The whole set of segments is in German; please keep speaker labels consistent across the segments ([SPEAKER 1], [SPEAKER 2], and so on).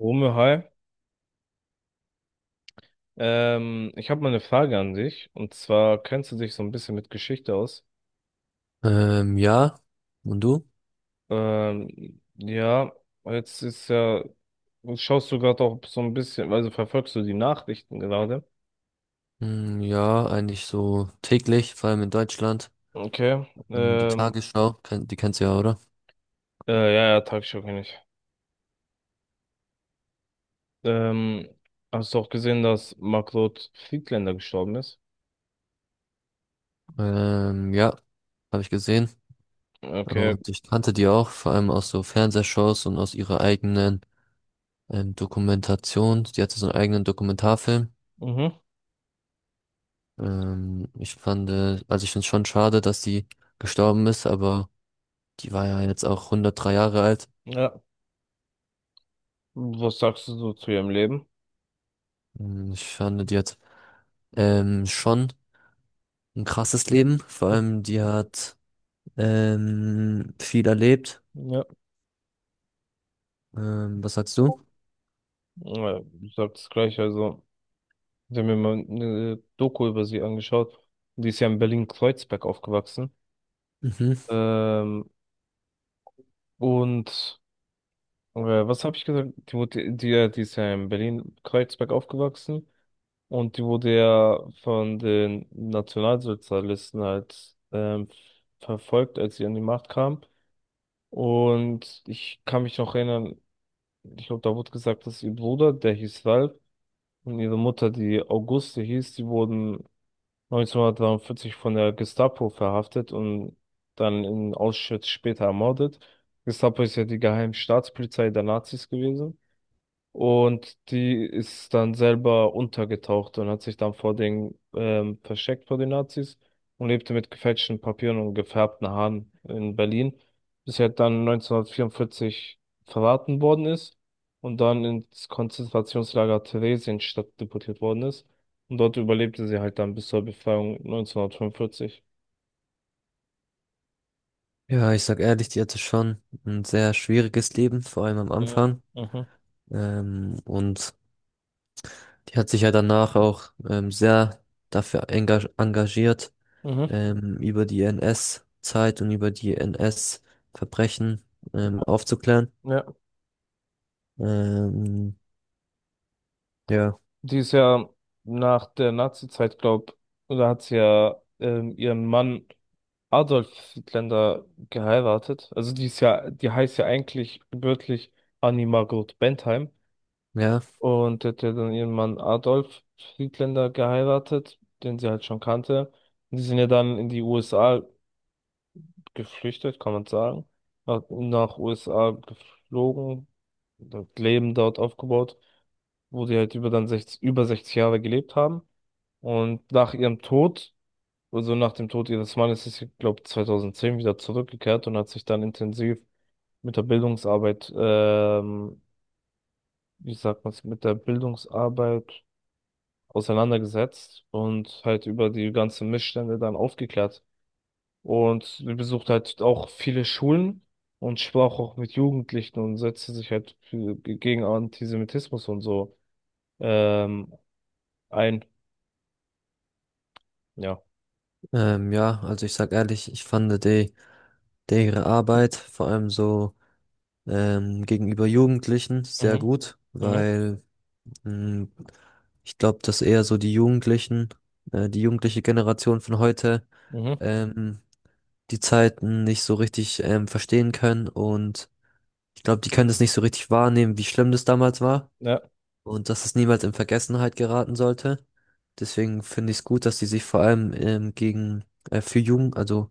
[SPEAKER 1] Rumme, hi. Ich habe mal eine Frage an dich. Und zwar kennst du dich so ein bisschen mit Geschichte aus?
[SPEAKER 2] Ja. Und du?
[SPEAKER 1] Ja, jetzt ist ja, schaust du gerade auch so ein bisschen, also verfolgst du die Nachrichten gerade?
[SPEAKER 2] Ja, eigentlich so täglich, vor allem in Deutschland.
[SPEAKER 1] Okay.
[SPEAKER 2] Die Tagesschau, die kennst du ja, oder?
[SPEAKER 1] Ja, ja, Tagesschau kenn ich. Ähm, Hast du auch gesehen, dass Margot Friedländer gestorben ist?
[SPEAKER 2] Ähm, ja, habe ich gesehen.
[SPEAKER 1] Okay.
[SPEAKER 2] Und ich kannte die auch, vor allem aus so Fernsehshows und aus ihrer eigenen Dokumentation. Die hatte so einen eigenen Dokumentarfilm.
[SPEAKER 1] Mhm.
[SPEAKER 2] Ich fand, also ich finde es schon schade, dass die gestorben ist, aber die war ja jetzt auch 103 Jahre alt.
[SPEAKER 1] Ja. Was sagst du so zu ihrem Leben?
[SPEAKER 2] Ich fand, die hat schon ein krasses Leben. Vor
[SPEAKER 1] Hm,
[SPEAKER 2] allem, die hat viel erlebt.
[SPEAKER 1] ja.
[SPEAKER 2] Was sagst du?
[SPEAKER 1] Ja, du sagst gleich, also. Ich habe mir mal eine Doku über sie angeschaut. Die ist ja in Berlin-Kreuzberg aufgewachsen.
[SPEAKER 2] Mhm.
[SPEAKER 1] Ähm, und äh, Was habe ich gesagt? Die ist ja in Berlin-Kreuzberg aufgewachsen und die wurde ja von den Nationalsozialisten halt verfolgt, als sie an die Macht kam. Und ich kann mich noch erinnern, ich glaube, da wurde gesagt, dass ihr Bruder, der hieß Ralf, und ihre Mutter, die Auguste hieß, die wurden 1943 von der Gestapo verhaftet und dann in Auschwitz später ermordet. Gestapo ist ja die geheime Staatspolizei der Nazis gewesen. Und die ist dann selber untergetaucht und hat sich dann vor den versteckt vor den Nazis und lebte mit gefälschten Papieren und gefärbten Haaren in Berlin, bis sie halt dann 1944 verraten worden ist und dann ins Konzentrationslager Theresienstadt deportiert worden ist. Und dort überlebte sie halt dann bis zur Befreiung 1945.
[SPEAKER 2] Ja, ich sag ehrlich, die hatte schon ein sehr schwieriges Leben, vor allem am
[SPEAKER 1] Ja,
[SPEAKER 2] Anfang.
[SPEAKER 1] mhm.
[SPEAKER 2] Und die hat sich ja danach auch sehr dafür engagiert,
[SPEAKER 1] Mhm.
[SPEAKER 2] über die NS-Zeit und über die NS-Verbrechen aufzuklären.
[SPEAKER 1] Ja.
[SPEAKER 2] Ähm, ja,
[SPEAKER 1] Die ist ja nach der Nazizeit, glaub, oder hat sie ja ihren Mann Adolf Hitler geheiratet. Also die ist ja, die heißt ja eigentlich gebürtig Annie Margot Bentheim
[SPEAKER 2] ja,
[SPEAKER 1] und hat ja dann ihren Mann Adolf Hitler geheiratet, den sie halt schon kannte. Und die sind ja dann in die USA geflüchtet, kann man sagen. Nach USA geflogen, dort Leben dort aufgebaut, wo die halt über dann 60, über 60 Jahre gelebt haben. Und nach ihrem Tod so nach dem Tod ihres Mannes ist sie, glaube 2010 wieder zurückgekehrt und hat sich dann intensiv mit der wie sagt man es, mit der Bildungsarbeit auseinandergesetzt und halt über die ganzen Missstände dann aufgeklärt. Und sie besucht halt auch viele Schulen und sprach auch mit Jugendlichen und setzte sich halt für, gegen Antisemitismus und so ähm, ein. Ja.
[SPEAKER 2] ja, also ich sag ehrlich, ich fand die ihre Arbeit, vor allem so gegenüber Jugendlichen sehr
[SPEAKER 1] Mhm.
[SPEAKER 2] gut,
[SPEAKER 1] Mhm.
[SPEAKER 2] weil mh, ich glaube, dass eher so die jugendliche Generation von heute
[SPEAKER 1] Mhm.
[SPEAKER 2] ähm, die Zeiten nicht so richtig verstehen können und ich glaube, die können das nicht so richtig wahrnehmen, wie schlimm das damals war
[SPEAKER 1] Ja.
[SPEAKER 2] und dass es niemals in Vergessenheit geraten sollte. Deswegen finde ich es gut, dass sie sich vor allem gegen für Jugend, also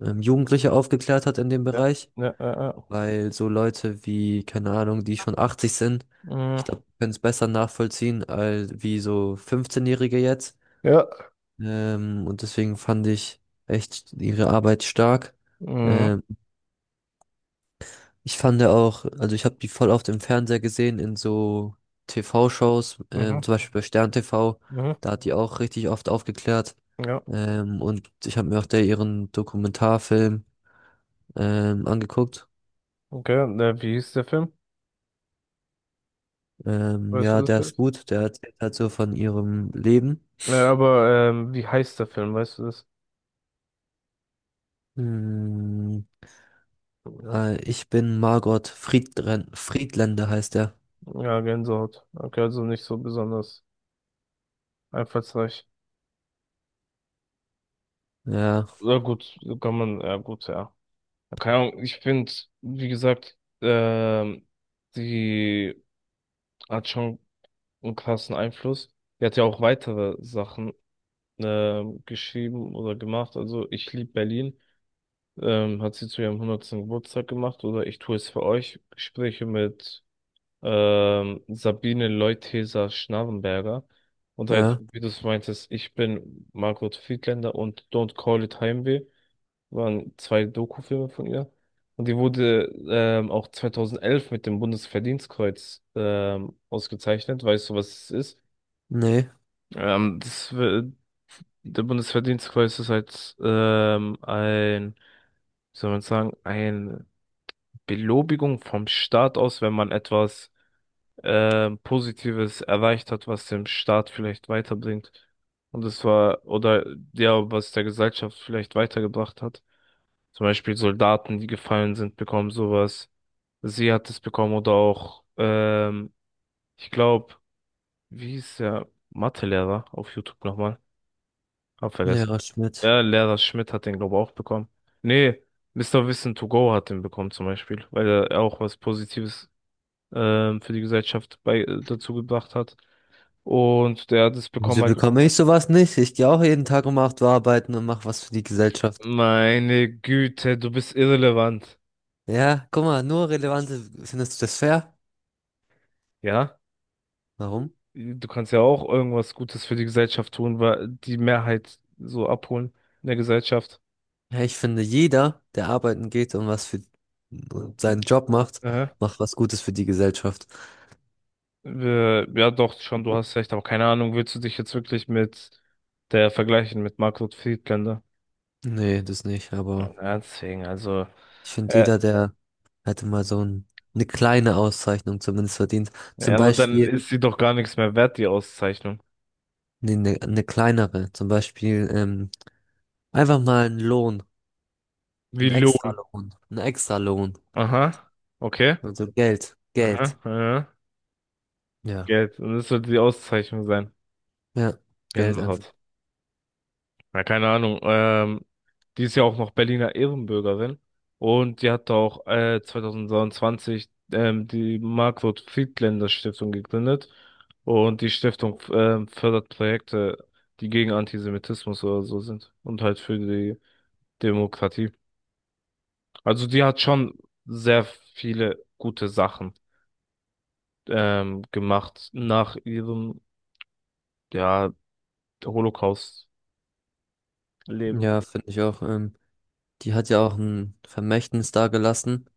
[SPEAKER 2] Jugendliche aufgeklärt hat in dem
[SPEAKER 1] Ja.
[SPEAKER 2] Bereich,
[SPEAKER 1] Ja. Ja. Ja. Ja.
[SPEAKER 2] weil so Leute wie, keine Ahnung, die schon 80 sind,
[SPEAKER 1] Mhm.
[SPEAKER 2] ich glaube, können es besser nachvollziehen als wie so 15-Jährige jetzt.
[SPEAKER 1] Ja.
[SPEAKER 2] Und deswegen fand ich echt ihre Arbeit stark.
[SPEAKER 1] Mhm,
[SPEAKER 2] Ähm, Ich fand ja auch, also ich habe die voll oft im Fernseher gesehen, in so TV-Shows,
[SPEAKER 1] mhm,
[SPEAKER 2] zum Beispiel bei Stern TV,
[SPEAKER 1] mhm,
[SPEAKER 2] da hat die auch richtig oft aufgeklärt.
[SPEAKER 1] ja,
[SPEAKER 2] Und ich habe mir auch da ihren Dokumentarfilm angeguckt.
[SPEAKER 1] okay. Und, äh, wie hieß der Film? Weißt du
[SPEAKER 2] Ja,
[SPEAKER 1] das
[SPEAKER 2] Der ist
[SPEAKER 1] vielleicht?
[SPEAKER 2] gut. Der erzählt halt so von ihrem Leben.
[SPEAKER 1] Ja, aber wie heißt der Film? Weißt du das?
[SPEAKER 2] Hm, Ich bin Margot Friedren Friedländer heißt er.
[SPEAKER 1] Ja, Gänsehaut. Okay, also nicht so besonders einfallsreich.
[SPEAKER 2] Ja,
[SPEAKER 1] Ja, gut, kann man, ja, gut, ja. Keine Ahnung, ich finde, wie gesagt, die hat schon einen krassen Einfluss. Die hat ja auch weitere Sachen geschrieben oder gemacht. Also, ich liebe Berlin. Hat sie zu ihrem hundertsten Geburtstag gemacht oder ich tue es für euch. Gespräche mit Sabine Leutheser-Schnarrenberger. Und halt,
[SPEAKER 2] ja.
[SPEAKER 1] wie du es meintest, ich bin Margot Friedländer und Don't Call It Heimweh waren zwei Dokufilme von ihr. Und die wurde auch 2011 mit dem Bundesverdienstkreuz ausgezeichnet. Weißt du, was es ist?
[SPEAKER 2] Nee,
[SPEAKER 1] Das, w- der Bundesverdienstkreuz ist halt ein, wie soll man sagen, ein Belobigung vom Staat aus, wenn man etwas Positives erreicht hat, was dem Staat vielleicht weiterbringt. Und das war, oder ja, was der Gesellschaft vielleicht weitergebracht hat. Zum Beispiel Soldaten, die gefallen sind, bekommen sowas. Sie hat es bekommen oder auch, ich glaube, wie hieß der Mathelehrer auf YouTube nochmal? Hab vergessen.
[SPEAKER 2] Lehrer Schmidt.
[SPEAKER 1] Ja, Lehrer Schmidt hat den, glaube ich, auch bekommen. Nee, Mister Wissen to go hat den bekommen zum Beispiel, weil er auch was Positives für die Gesellschaft bei, dazu gebracht hat. Und der hat es bekommen
[SPEAKER 2] Wieso
[SPEAKER 1] halt,
[SPEAKER 2] bekomme ich sowas nicht? Ich gehe auch jeden Tag um 8 Uhr arbeiten und mache was für die Gesellschaft.
[SPEAKER 1] meine Güte, du bist irrelevant.
[SPEAKER 2] Ja, guck mal, nur relevante, findest du das fair?
[SPEAKER 1] Ja,
[SPEAKER 2] Warum?
[SPEAKER 1] du kannst ja auch irgendwas Gutes für die Gesellschaft tun, weil die Mehrheit so abholen in der Gesellschaft.
[SPEAKER 2] Ja, ich finde, jeder, der arbeiten geht und was für seinen Job macht,
[SPEAKER 1] Aha.
[SPEAKER 2] macht was Gutes für die Gesellschaft.
[SPEAKER 1] Wir- Ja, doch, schon, du hast recht, aber keine Ahnung, willst du dich jetzt wirklich mit der vergleichen, mit Margot Friedländer?
[SPEAKER 2] Nee, das nicht, aber.
[SPEAKER 1] Ja, deswegen, also,
[SPEAKER 2] Ich finde,
[SPEAKER 1] äh,
[SPEAKER 2] jeder, der hätte mal eine kleine Auszeichnung zumindest verdient. Zum
[SPEAKER 1] ja, aber dann
[SPEAKER 2] Beispiel,
[SPEAKER 1] ist sie doch gar nichts mehr wert, die Auszeichnung.
[SPEAKER 2] nee, eine kleinere. Zum Beispiel, einfach mal
[SPEAKER 1] Wie
[SPEAKER 2] einen
[SPEAKER 1] lohn
[SPEAKER 2] Einen Extralohn.
[SPEAKER 1] aha, okay.
[SPEAKER 2] Also
[SPEAKER 1] Aha,
[SPEAKER 2] Geld.
[SPEAKER 1] ja.
[SPEAKER 2] Ja,
[SPEAKER 1] Geld. Und das sollte die Auszeichnung sein.
[SPEAKER 2] ja, Geld einfach.
[SPEAKER 1] Gänsehaut. Na, keine Ahnung. Die ist ja auch noch Berliner Ehrenbürgerin. Und die hat auch 2023 die Margot-Friedländer-Stiftung gegründet. Und die Stiftung fördert Projekte, die gegen Antisemitismus oder so sind. Und halt für die Demokratie. Also die hat schon sehr viele gute Sachen gemacht nach ihrem, ja, Holocaust. Leben.
[SPEAKER 2] Ja, finde ich auch. Die hat ja auch ein Vermächtnis dagelassen.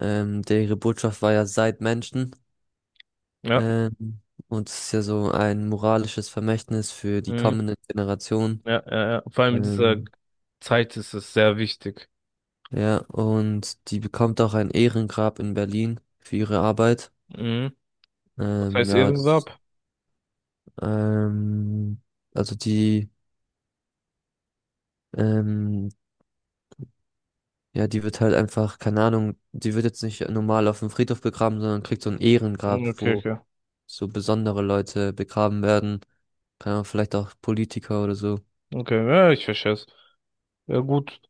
[SPEAKER 2] Der Ihre Botschaft war ja: seid Menschen.
[SPEAKER 1] Ja.
[SPEAKER 2] Ähm, und es ist ja so ein moralisches Vermächtnis für die
[SPEAKER 1] Mhm.
[SPEAKER 2] kommenden Generationen.
[SPEAKER 1] Ja, ja, ja. Vor allem in dieser
[SPEAKER 2] Ähm,
[SPEAKER 1] Zeit ist es sehr wichtig.
[SPEAKER 2] Ja, und die bekommt auch ein Ehrengrab in Berlin für ihre Arbeit.
[SPEAKER 1] Mhm. Was
[SPEAKER 2] Ähm,
[SPEAKER 1] heißt
[SPEAKER 2] ja, das,
[SPEAKER 1] Ehrengrab?
[SPEAKER 2] ähm, also die, ähm, ja, die wird halt einfach, keine Ahnung, die wird jetzt nicht normal auf dem Friedhof begraben, sondern kriegt so ein
[SPEAKER 1] Mhm,
[SPEAKER 2] Ehrengrab,
[SPEAKER 1] okay,
[SPEAKER 2] wo
[SPEAKER 1] okay.
[SPEAKER 2] so besondere Leute begraben werden. Keine Ahnung, vielleicht auch Politiker oder so.
[SPEAKER 1] Okay, ja, ich verstehe es. Ja, gut.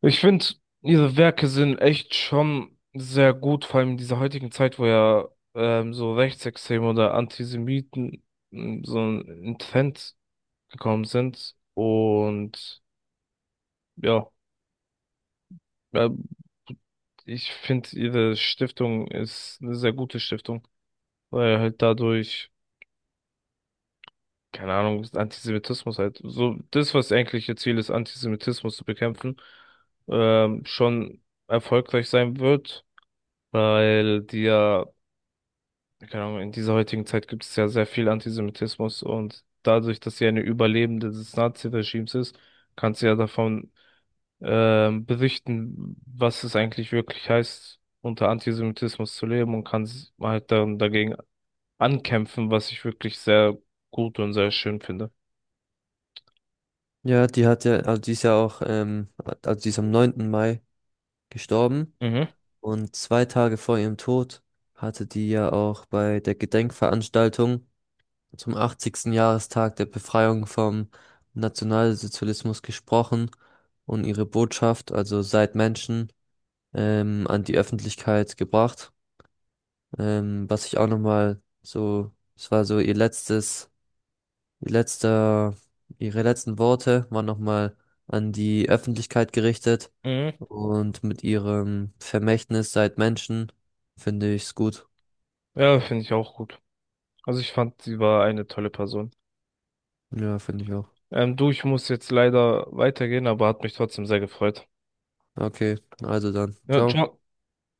[SPEAKER 1] Ich finde, ihre Werke sind echt schon sehr gut, vor allem in dieser heutigen Zeit, wo ja so Rechtsextreme oder Antisemiten mm, so ein Trend gekommen sind. Und ja, ähm, ich finde, ihre Stiftung ist eine sehr gute Stiftung, weil halt dadurch. Keine Ahnung, ist Antisemitismus halt. So, das, was eigentlich ihr Ziel ist, Antisemitismus zu bekämpfen, schon erfolgreich sein wird, weil die ja, keine Ahnung, in dieser heutigen Zeit gibt es ja sehr viel Antisemitismus und dadurch, dass sie eine Überlebende des Nazi-Regimes ist, kann sie ja davon berichten, was es eigentlich wirklich heißt, unter Antisemitismus zu leben und kann s- halt dann dagegen ankämpfen, was ich wirklich sehr gut und sehr schön finde.
[SPEAKER 2] Die ist ja auch, die ist am 9. Mai gestorben.
[SPEAKER 1] Mhm.
[SPEAKER 2] Und 2 Tage vor ihrem Tod hatte die ja auch bei der Gedenkveranstaltung zum 80. Jahrestag der Befreiung vom Nationalsozialismus gesprochen und ihre Botschaft, also seid Menschen, an die Öffentlichkeit gebracht. Was ich auch nochmal so, es war so ihr letztes Ihr letzter, ihre letzten Worte waren nochmal an die Öffentlichkeit gerichtet
[SPEAKER 1] Mhm.
[SPEAKER 2] und mit ihrem Vermächtnis seid Menschen finde ich's gut.
[SPEAKER 1] Ja, finde ich auch gut. Also ich fand, sie war eine tolle Person.
[SPEAKER 2] Ja, finde ich auch.
[SPEAKER 1] Du, ich muss jetzt leider weitergehen, aber hat mich trotzdem sehr gefreut.
[SPEAKER 2] Okay, also dann,
[SPEAKER 1] Ja,
[SPEAKER 2] ciao.
[SPEAKER 1] ciao.